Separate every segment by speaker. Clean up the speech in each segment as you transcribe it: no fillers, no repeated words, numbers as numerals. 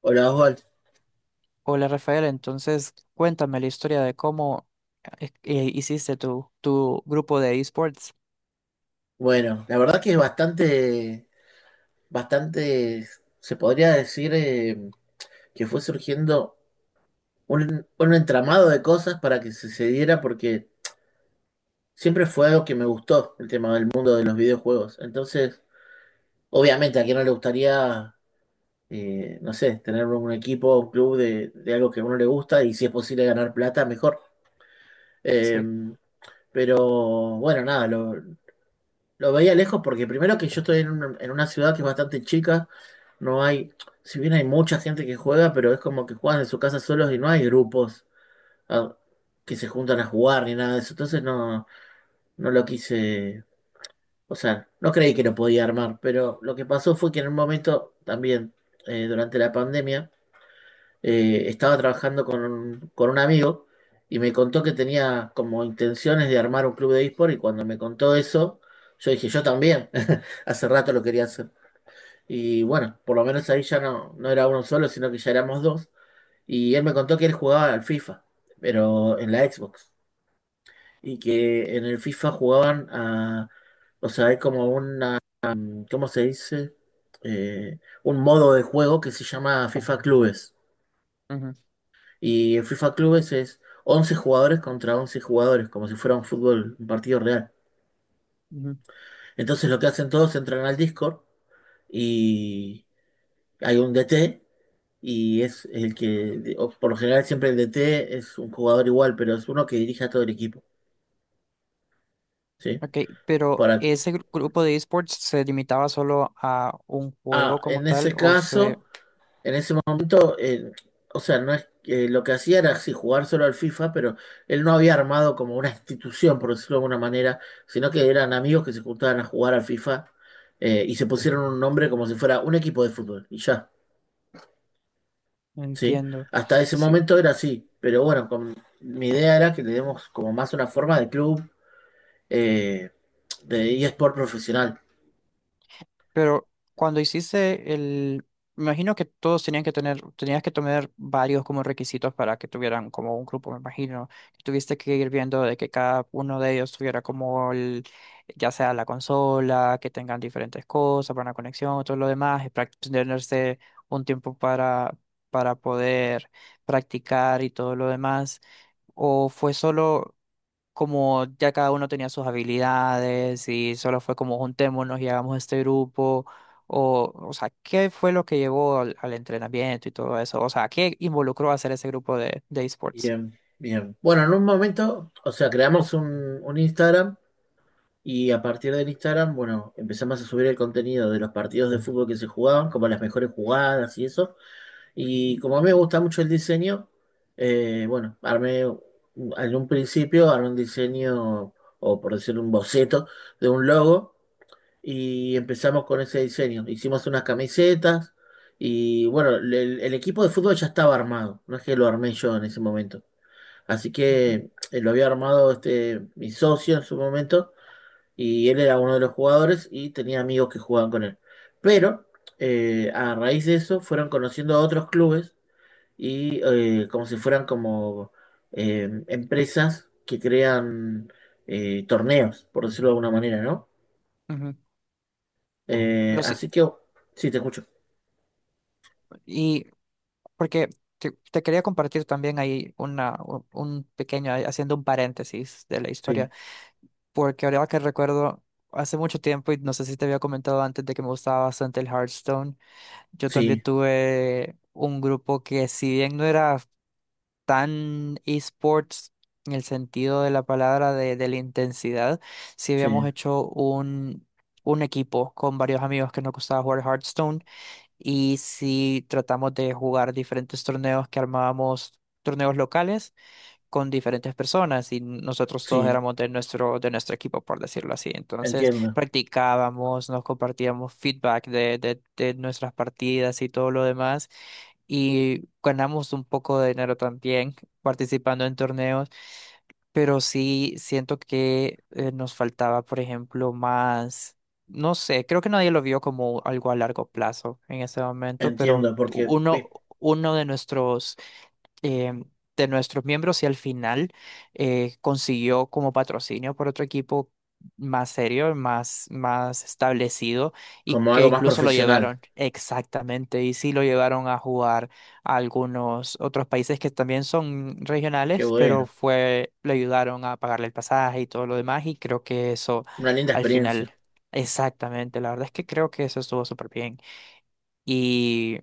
Speaker 1: Hola Oswald.
Speaker 2: Hola Rafael, entonces cuéntame la historia de cómo hiciste tu grupo de esports.
Speaker 1: Bueno, la verdad que es bastante, bastante, se podría decir que fue surgiendo un entramado de cosas para que se diera porque siempre fue algo que me gustó, el tema del mundo de los videojuegos. Entonces, obviamente a quien no le gustaría, no sé, tener un equipo, un club de algo que a uno le gusta y si es posible ganar plata, mejor. Eh,
Speaker 2: Sí.
Speaker 1: pero bueno, nada, lo veía lejos porque primero que yo estoy en una, ciudad que es bastante chica, no hay, si bien hay mucha gente que juega, pero es como que juegan en su casa solos y no hay grupos ah, que se juntan a jugar ni nada de eso. Entonces no, no lo quise, o sea, no creí que lo podía armar, pero lo que pasó fue que en un momento también, durante la pandemia, estaba trabajando con un amigo y me contó que tenía como intenciones de armar un club de eSport y cuando me contó eso, yo dije, yo también, hace rato lo quería hacer. Y bueno, por lo menos ahí ya no, no era uno solo, sino que ya éramos dos. Y él me contó que él jugaba al FIFA, pero en la Xbox. Y que en el FIFA jugaban a. O sea, hay como una. ¿Cómo se dice? Un modo de juego que se llama FIFA Clubes.
Speaker 2: Ujú,
Speaker 1: Y en FIFA Clubes es 11 jugadores contra 11 jugadores, como si fuera un fútbol, un partido real.
Speaker 2: ujú.
Speaker 1: Entonces lo que hacen todos, entran al Discord y hay un DT y es el que, o por lo general siempre el DT es un jugador igual, pero es uno que dirige a todo el equipo, ¿sí?
Speaker 2: Ok, pero
Speaker 1: Para,
Speaker 2: ¿ese grupo de esports se limitaba solo a un juego como
Speaker 1: en
Speaker 2: tal
Speaker 1: ese
Speaker 2: o se...
Speaker 1: caso. En ese momento, o sea, no es, lo que hacía era sí jugar solo al FIFA, pero él no había armado como una institución, por decirlo de alguna manera, sino que eran amigos que se juntaban a jugar al FIFA y se pusieron un nombre como si fuera un equipo de fútbol, y ya, ¿sí?
Speaker 2: Entiendo.
Speaker 1: Hasta ese
Speaker 2: Sí.
Speaker 1: momento era así, pero bueno, con, mi idea era que le demos como más una forma de club, eh, de eSport profesional.
Speaker 2: Pero cuando hiciste el, me imagino que todos tenían que tener, tenías que tener varios como requisitos para que tuvieran como un grupo, me imagino. Tuviste que ir viendo de que cada uno de ellos tuviera como el, ya sea la consola, que tengan diferentes cosas para una conexión, todo lo demás, y tenerse un tiempo para poder practicar y todo lo demás. ¿O fue solo? Como ya cada uno tenía sus habilidades y solo fue como juntémonos y hagamos este grupo, o sea, ¿qué fue lo que llevó al entrenamiento y todo eso? O sea, ¿qué involucró hacer ese grupo de esports?
Speaker 1: Bien, bien. Bueno, en un momento, o sea, creamos un Instagram. Y a partir del Instagram, bueno, empezamos a subir el contenido de los partidos de fútbol que se jugaban, como las mejores jugadas y eso. Y como a mí me gusta mucho el diseño, bueno, en un principio, armé un diseño, o por decir un boceto, de un logo, y empezamos con ese diseño. Hicimos unas camisetas, y bueno, el equipo de fútbol ya estaba armado, no es que lo armé yo en ese momento. Así que lo había armado mi socio en su momento y él era uno de los jugadores y tenía amigos que jugaban con él. Pero a raíz de eso fueron conociendo a otros clubes y como si fueran como empresas que crean torneos, por decirlo de alguna manera, ¿no?
Speaker 2: Ujú. Pero sí,
Speaker 1: Así que, oh, sí, te escucho.
Speaker 2: y porque te quería compartir también ahí una, un pequeño, ahí haciendo un paréntesis de la
Speaker 1: Sí,
Speaker 2: historia, porque ahora que recuerdo, hace mucho tiempo, y no sé si te había comentado antes de que me gustaba bastante el Hearthstone. Yo también
Speaker 1: sí,
Speaker 2: tuve un grupo que si bien no era tan esports en el sentido de la palabra de la intensidad, sí habíamos
Speaker 1: sí,
Speaker 2: hecho un equipo con varios amigos que nos gustaba jugar Hearthstone y sí tratamos de jugar diferentes torneos que armábamos, torneos locales con diferentes personas y nosotros todos
Speaker 1: sí,
Speaker 2: éramos de nuestro equipo, por decirlo así. Entonces
Speaker 1: entiendo,
Speaker 2: practicábamos, nos compartíamos feedback de nuestras partidas y todo lo demás y ganamos un poco de dinero también participando en torneos, pero sí siento que nos faltaba, por ejemplo, más... No sé, creo que nadie lo vio como algo a largo plazo en ese momento, pero
Speaker 1: entiendo, porque vi,
Speaker 2: uno eh, de nuestros miembros y al final consiguió como patrocinio por otro equipo más serio, más establecido y
Speaker 1: como
Speaker 2: que
Speaker 1: algo más
Speaker 2: incluso lo
Speaker 1: profesional,
Speaker 2: llevaron exactamente y sí lo llevaron a jugar a algunos otros países que también son
Speaker 1: qué
Speaker 2: regionales, pero
Speaker 1: bueno,
Speaker 2: fue, le ayudaron a pagarle el pasaje y todo lo demás y creo que eso
Speaker 1: una linda
Speaker 2: al
Speaker 1: experiencia.
Speaker 2: final... Exactamente, la verdad es que creo que eso estuvo súper bien. Y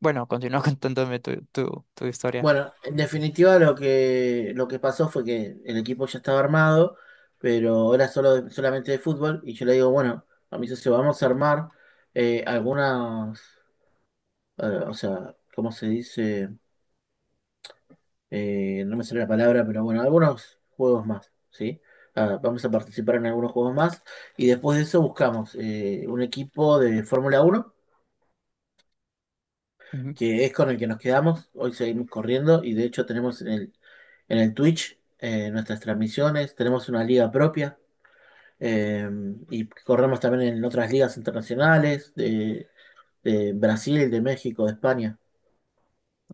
Speaker 2: bueno, continúa contándome tu, tu historia.
Speaker 1: Bueno, en definitiva lo que, pasó fue que el equipo ya estaba armado, pero era solo solamente de fútbol, y yo le digo, bueno, a mi socio, vamos a armar algunas, eh, o sea, ¿cómo se dice? No me sale la palabra, pero bueno, algunos juegos más, ¿sí? Ah, vamos a participar en algunos juegos más, y después de eso buscamos un equipo de Fórmula 1 que es con el que nos quedamos. Hoy seguimos corriendo y de hecho tenemos en el Twitch nuestras transmisiones, tenemos una liga propia eh, y corremos también en otras ligas internacionales de Brasil, de México, de España.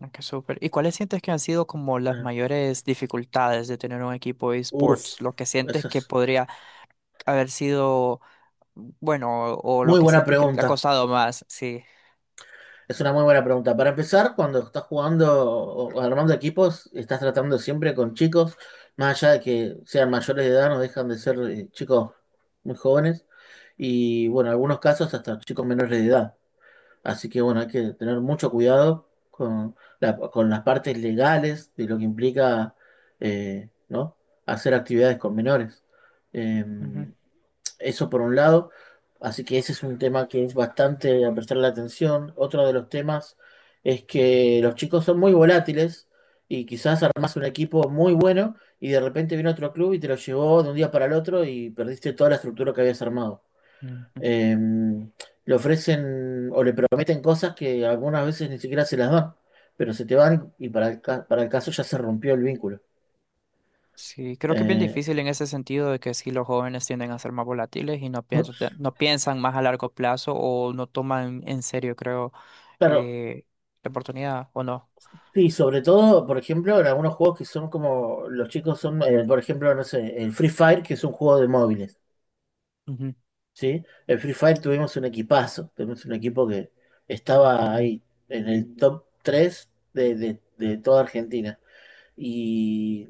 Speaker 2: Ah, ¡qué súper! ¿Y cuáles sientes que han sido como las
Speaker 1: Eh,
Speaker 2: mayores dificultades de tener un equipo de
Speaker 1: uf,
Speaker 2: esports? ¿Lo que sientes
Speaker 1: esa
Speaker 2: que
Speaker 1: es
Speaker 2: podría haber sido bueno o lo
Speaker 1: muy
Speaker 2: que
Speaker 1: buena
Speaker 2: sientes que te ha
Speaker 1: pregunta.
Speaker 2: costado más? Sí.
Speaker 1: Es una muy buena pregunta. Para empezar, cuando estás jugando o armando equipos, estás tratando siempre con chicos, más allá de que sean mayores de edad, no dejan de ser chicos muy jóvenes. Y bueno, en algunos casos hasta chicos menores de edad. Así que bueno, hay que tener mucho cuidado con las partes legales de lo que implica, ¿no?, hacer actividades con menores. Eh,
Speaker 2: Ujú,
Speaker 1: eso por un lado, así que ese es un tema que es bastante a prestarle atención. Otro de los temas es que los chicos son muy volátiles y quizás armás un equipo muy bueno y de repente viene otro club y te lo llevó de un día para el otro y perdiste toda la estructura que habías armado
Speaker 2: ujú.
Speaker 1: eh, le ofrecen o le prometen cosas que algunas veces ni siquiera se las dan, pero se te van y para el caso ya se rompió el vínculo.
Speaker 2: Sí, creo que es bien
Speaker 1: Eh,
Speaker 2: difícil en ese sentido de que sí los jóvenes tienden a ser más volátiles y no piensan, no piensan más a largo plazo o no toman en serio, creo,
Speaker 1: claro,
Speaker 2: eh, la oportunidad o no.
Speaker 1: sí, sobre todo, por ejemplo, en algunos juegos que son como, los chicos son, por ejemplo, no sé, el Free Fire, que es un juego de móviles,
Speaker 2: Ujú,
Speaker 1: ¿sí? El Free Fire tuvimos un equipazo, tuvimos un equipo que estaba ahí en el top 3 de toda Argentina. Y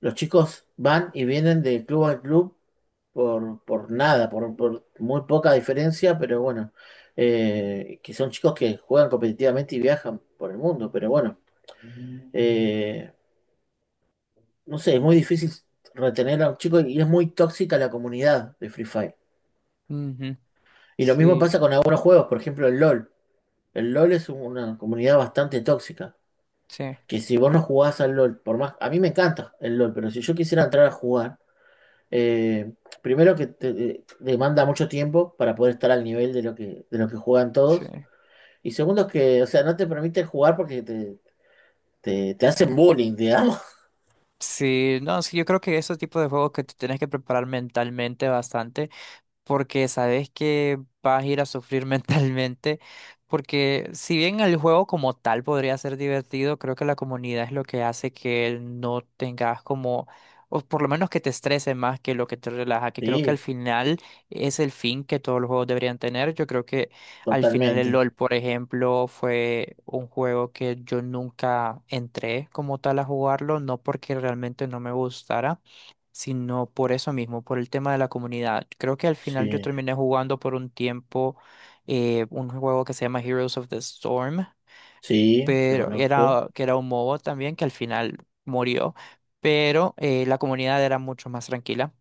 Speaker 1: los chicos van y vienen de club a club por nada, por muy poca diferencia, pero bueno, que son chicos que juegan competitivamente y viajan por el mundo, pero bueno, eh, no sé, es muy difícil retener a un chico y es muy tóxica la comunidad de Free Fire.
Speaker 2: ujú.
Speaker 1: Y lo mismo
Speaker 2: Sí,
Speaker 1: pasa con algunos juegos, por ejemplo el LOL. El LOL es una comunidad bastante tóxica,
Speaker 2: sí,
Speaker 1: que si vos no jugás al LOL, por más, a mí me encanta el LOL, pero si yo quisiera entrar a jugar, Eh, primero que demanda mucho tiempo para poder estar al nivel de lo que juegan
Speaker 2: sí.
Speaker 1: todos. Y segundo que, o sea, no te permiten jugar porque te hacen bullying, digamos.
Speaker 2: Sí, no, sí, yo creo que esos tipos de juegos que tú tienes que preparar mentalmente bastante, porque sabes que vas a ir a sufrir mentalmente, porque si bien el juego como tal podría ser divertido, creo que la comunidad es lo que hace que él no tengas como, o por lo menos que te estrese más que lo que te relaja, que creo que al
Speaker 1: Sí,
Speaker 2: final es el fin que todos los juegos deberían tener. Yo creo que al final el
Speaker 1: totalmente.
Speaker 2: LOL, por ejemplo, fue un juego que yo nunca entré como tal a jugarlo, no porque realmente no me gustara, sino por eso mismo, por el tema de la comunidad. Creo que al final yo
Speaker 1: Sí,
Speaker 2: terminé jugando por un tiempo un juego que se llama Heroes of the Storm,
Speaker 1: sí, lo
Speaker 2: pero
Speaker 1: conozco.
Speaker 2: era que era un MOBA también que al final murió, pero la comunidad era mucho más tranquila.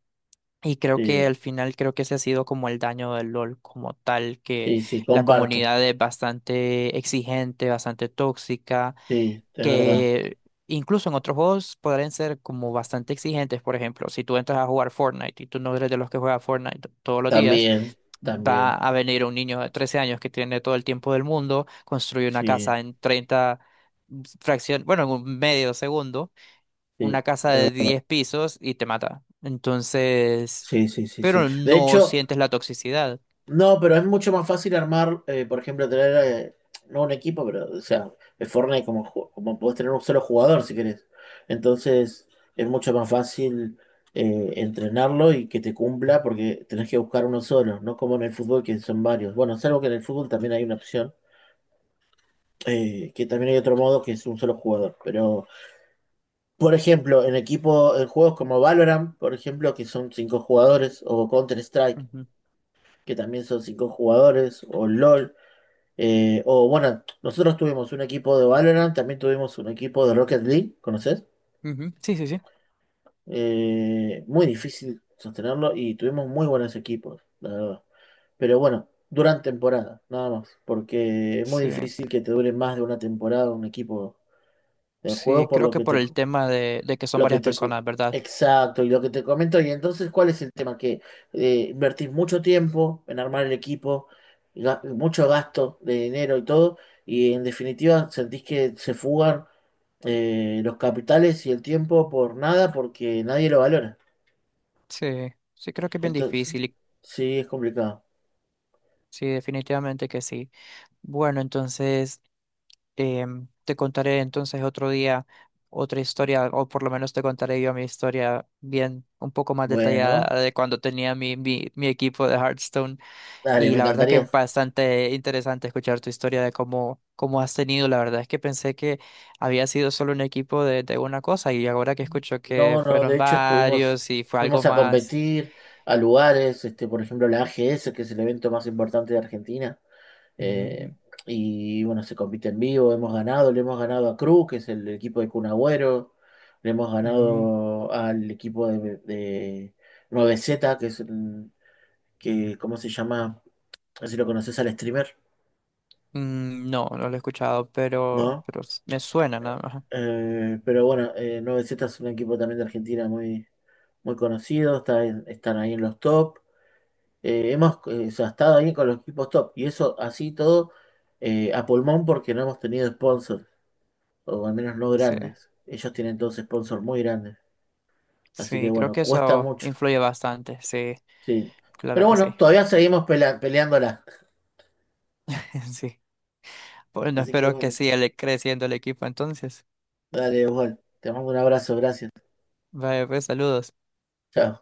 Speaker 2: Y creo
Speaker 1: Sí,
Speaker 2: que al final creo que ese ha sido como el daño del LOL como tal, que
Speaker 1: sí, sí,
Speaker 2: la
Speaker 1: comparto.
Speaker 2: comunidad es bastante exigente, bastante tóxica,
Speaker 1: Sí, es verdad.
Speaker 2: que incluso en otros juegos podrían ser como bastante exigentes. Por ejemplo, si tú entras a jugar Fortnite y tú no eres de los que juega Fortnite todos los días,
Speaker 1: También,
Speaker 2: va
Speaker 1: también.
Speaker 2: a venir un niño de 13 años que tiene todo el tiempo del mundo, construye una
Speaker 1: Sí,
Speaker 2: casa en 30 fracción, bueno, en un medio segundo,
Speaker 1: sí,
Speaker 2: una casa de 10 pisos y te mata. Entonces,
Speaker 1: sí, sí, sí, sí.
Speaker 2: pero
Speaker 1: De
Speaker 2: no
Speaker 1: hecho,
Speaker 2: sientes la toxicidad.
Speaker 1: no, pero es mucho más fácil armar, por ejemplo, tener, no un equipo, pero, o sea, en Fortnite como, como podés tener un solo jugador si querés. Entonces, es mucho más fácil entrenarlo y que te cumpla porque tenés que buscar uno solo, no como en el fútbol que son varios. Bueno, salvo que en el fútbol también hay una opción, que también hay otro modo que es un solo jugador. Pero, por ejemplo, en equipo, en juegos como Valorant, por ejemplo, que son cinco jugadores, o Counter-Strike,
Speaker 2: Ujú,
Speaker 1: que también son cinco jugadores, o LOL. O bueno, nosotros tuvimos un equipo de Valorant, también tuvimos un equipo de Rocket League, ¿conoces?
Speaker 2: ujú. Sí, sí, sí.
Speaker 1: Muy difícil sostenerlo y tuvimos muy buenos equipos, la verdad. Pero bueno, duran temporada, nada más, porque es muy
Speaker 2: Sí,
Speaker 1: difícil que te dure más de una temporada un equipo de juego,
Speaker 2: sí,
Speaker 1: por
Speaker 2: creo
Speaker 1: lo
Speaker 2: que
Speaker 1: que
Speaker 2: por
Speaker 1: te,
Speaker 2: el tema de que son
Speaker 1: Lo que
Speaker 2: varias
Speaker 1: te... co-
Speaker 2: personas, ¿verdad?
Speaker 1: Exacto, y lo que te comento, y entonces, ¿cuál es el tema? Que invertís mucho tiempo en armar el equipo, y mucho gasto de dinero y todo, y en definitiva sentís que se fugan los capitales y el tiempo por nada porque nadie lo valora.
Speaker 2: Sí, sí creo que es bien
Speaker 1: Entonces,
Speaker 2: difícil. Y
Speaker 1: sí, es complicado.
Speaker 2: sí, definitivamente que sí. Bueno, entonces em, te contaré entonces otro día otra historia, o por lo menos te contaré yo mi historia bien, un poco más
Speaker 1: Bueno,
Speaker 2: detallada de cuando tenía mi, mi equipo de Hearthstone.
Speaker 1: dale,
Speaker 2: Y
Speaker 1: me
Speaker 2: la verdad que es
Speaker 1: encantaría.
Speaker 2: bastante interesante escuchar tu historia de cómo, cómo has tenido. La verdad es que pensé que había sido solo un equipo de una cosa y ahora que escucho que
Speaker 1: No, no,
Speaker 2: fueron
Speaker 1: de hecho
Speaker 2: varios y fue algo
Speaker 1: fuimos a
Speaker 2: más.
Speaker 1: competir a lugares, por ejemplo, la AGS, que es el evento más importante de Argentina.
Speaker 2: Ujú,
Speaker 1: Eh, y bueno, se compite en vivo, le hemos ganado a Cruz, que es el equipo de Kun Agüero, le hemos
Speaker 2: ujú.
Speaker 1: ganado al equipo de 9Z, que es el, que, ¿cómo se llama? No sé si lo conoces al streamer,
Speaker 2: Mm, no, no lo he escuchado,
Speaker 1: ¿no?
Speaker 2: pero me suena nada más.
Speaker 1: Pero bueno, 9Z es un equipo también de Argentina muy, muy conocido, está están ahí en los top. Hemos o sea, estado ahí con los equipos top y eso así todo a pulmón porque no hemos tenido sponsors. O al menos no
Speaker 2: Sí,
Speaker 1: grandes. Ellos tienen todos sponsors muy grandes, así que
Speaker 2: sí, creo
Speaker 1: bueno,
Speaker 2: que
Speaker 1: cuesta
Speaker 2: eso
Speaker 1: mucho,
Speaker 2: influye bastante. Sí,
Speaker 1: sí.
Speaker 2: claro
Speaker 1: Pero
Speaker 2: que sí.
Speaker 1: bueno, todavía seguimos peleándola,
Speaker 2: Sí. Bueno,
Speaker 1: así que
Speaker 2: espero que
Speaker 1: bueno,
Speaker 2: siga creciendo el equipo entonces.
Speaker 1: dale, igual. Te mando un abrazo, gracias.
Speaker 2: Vaya, pues saludos.
Speaker 1: Chao.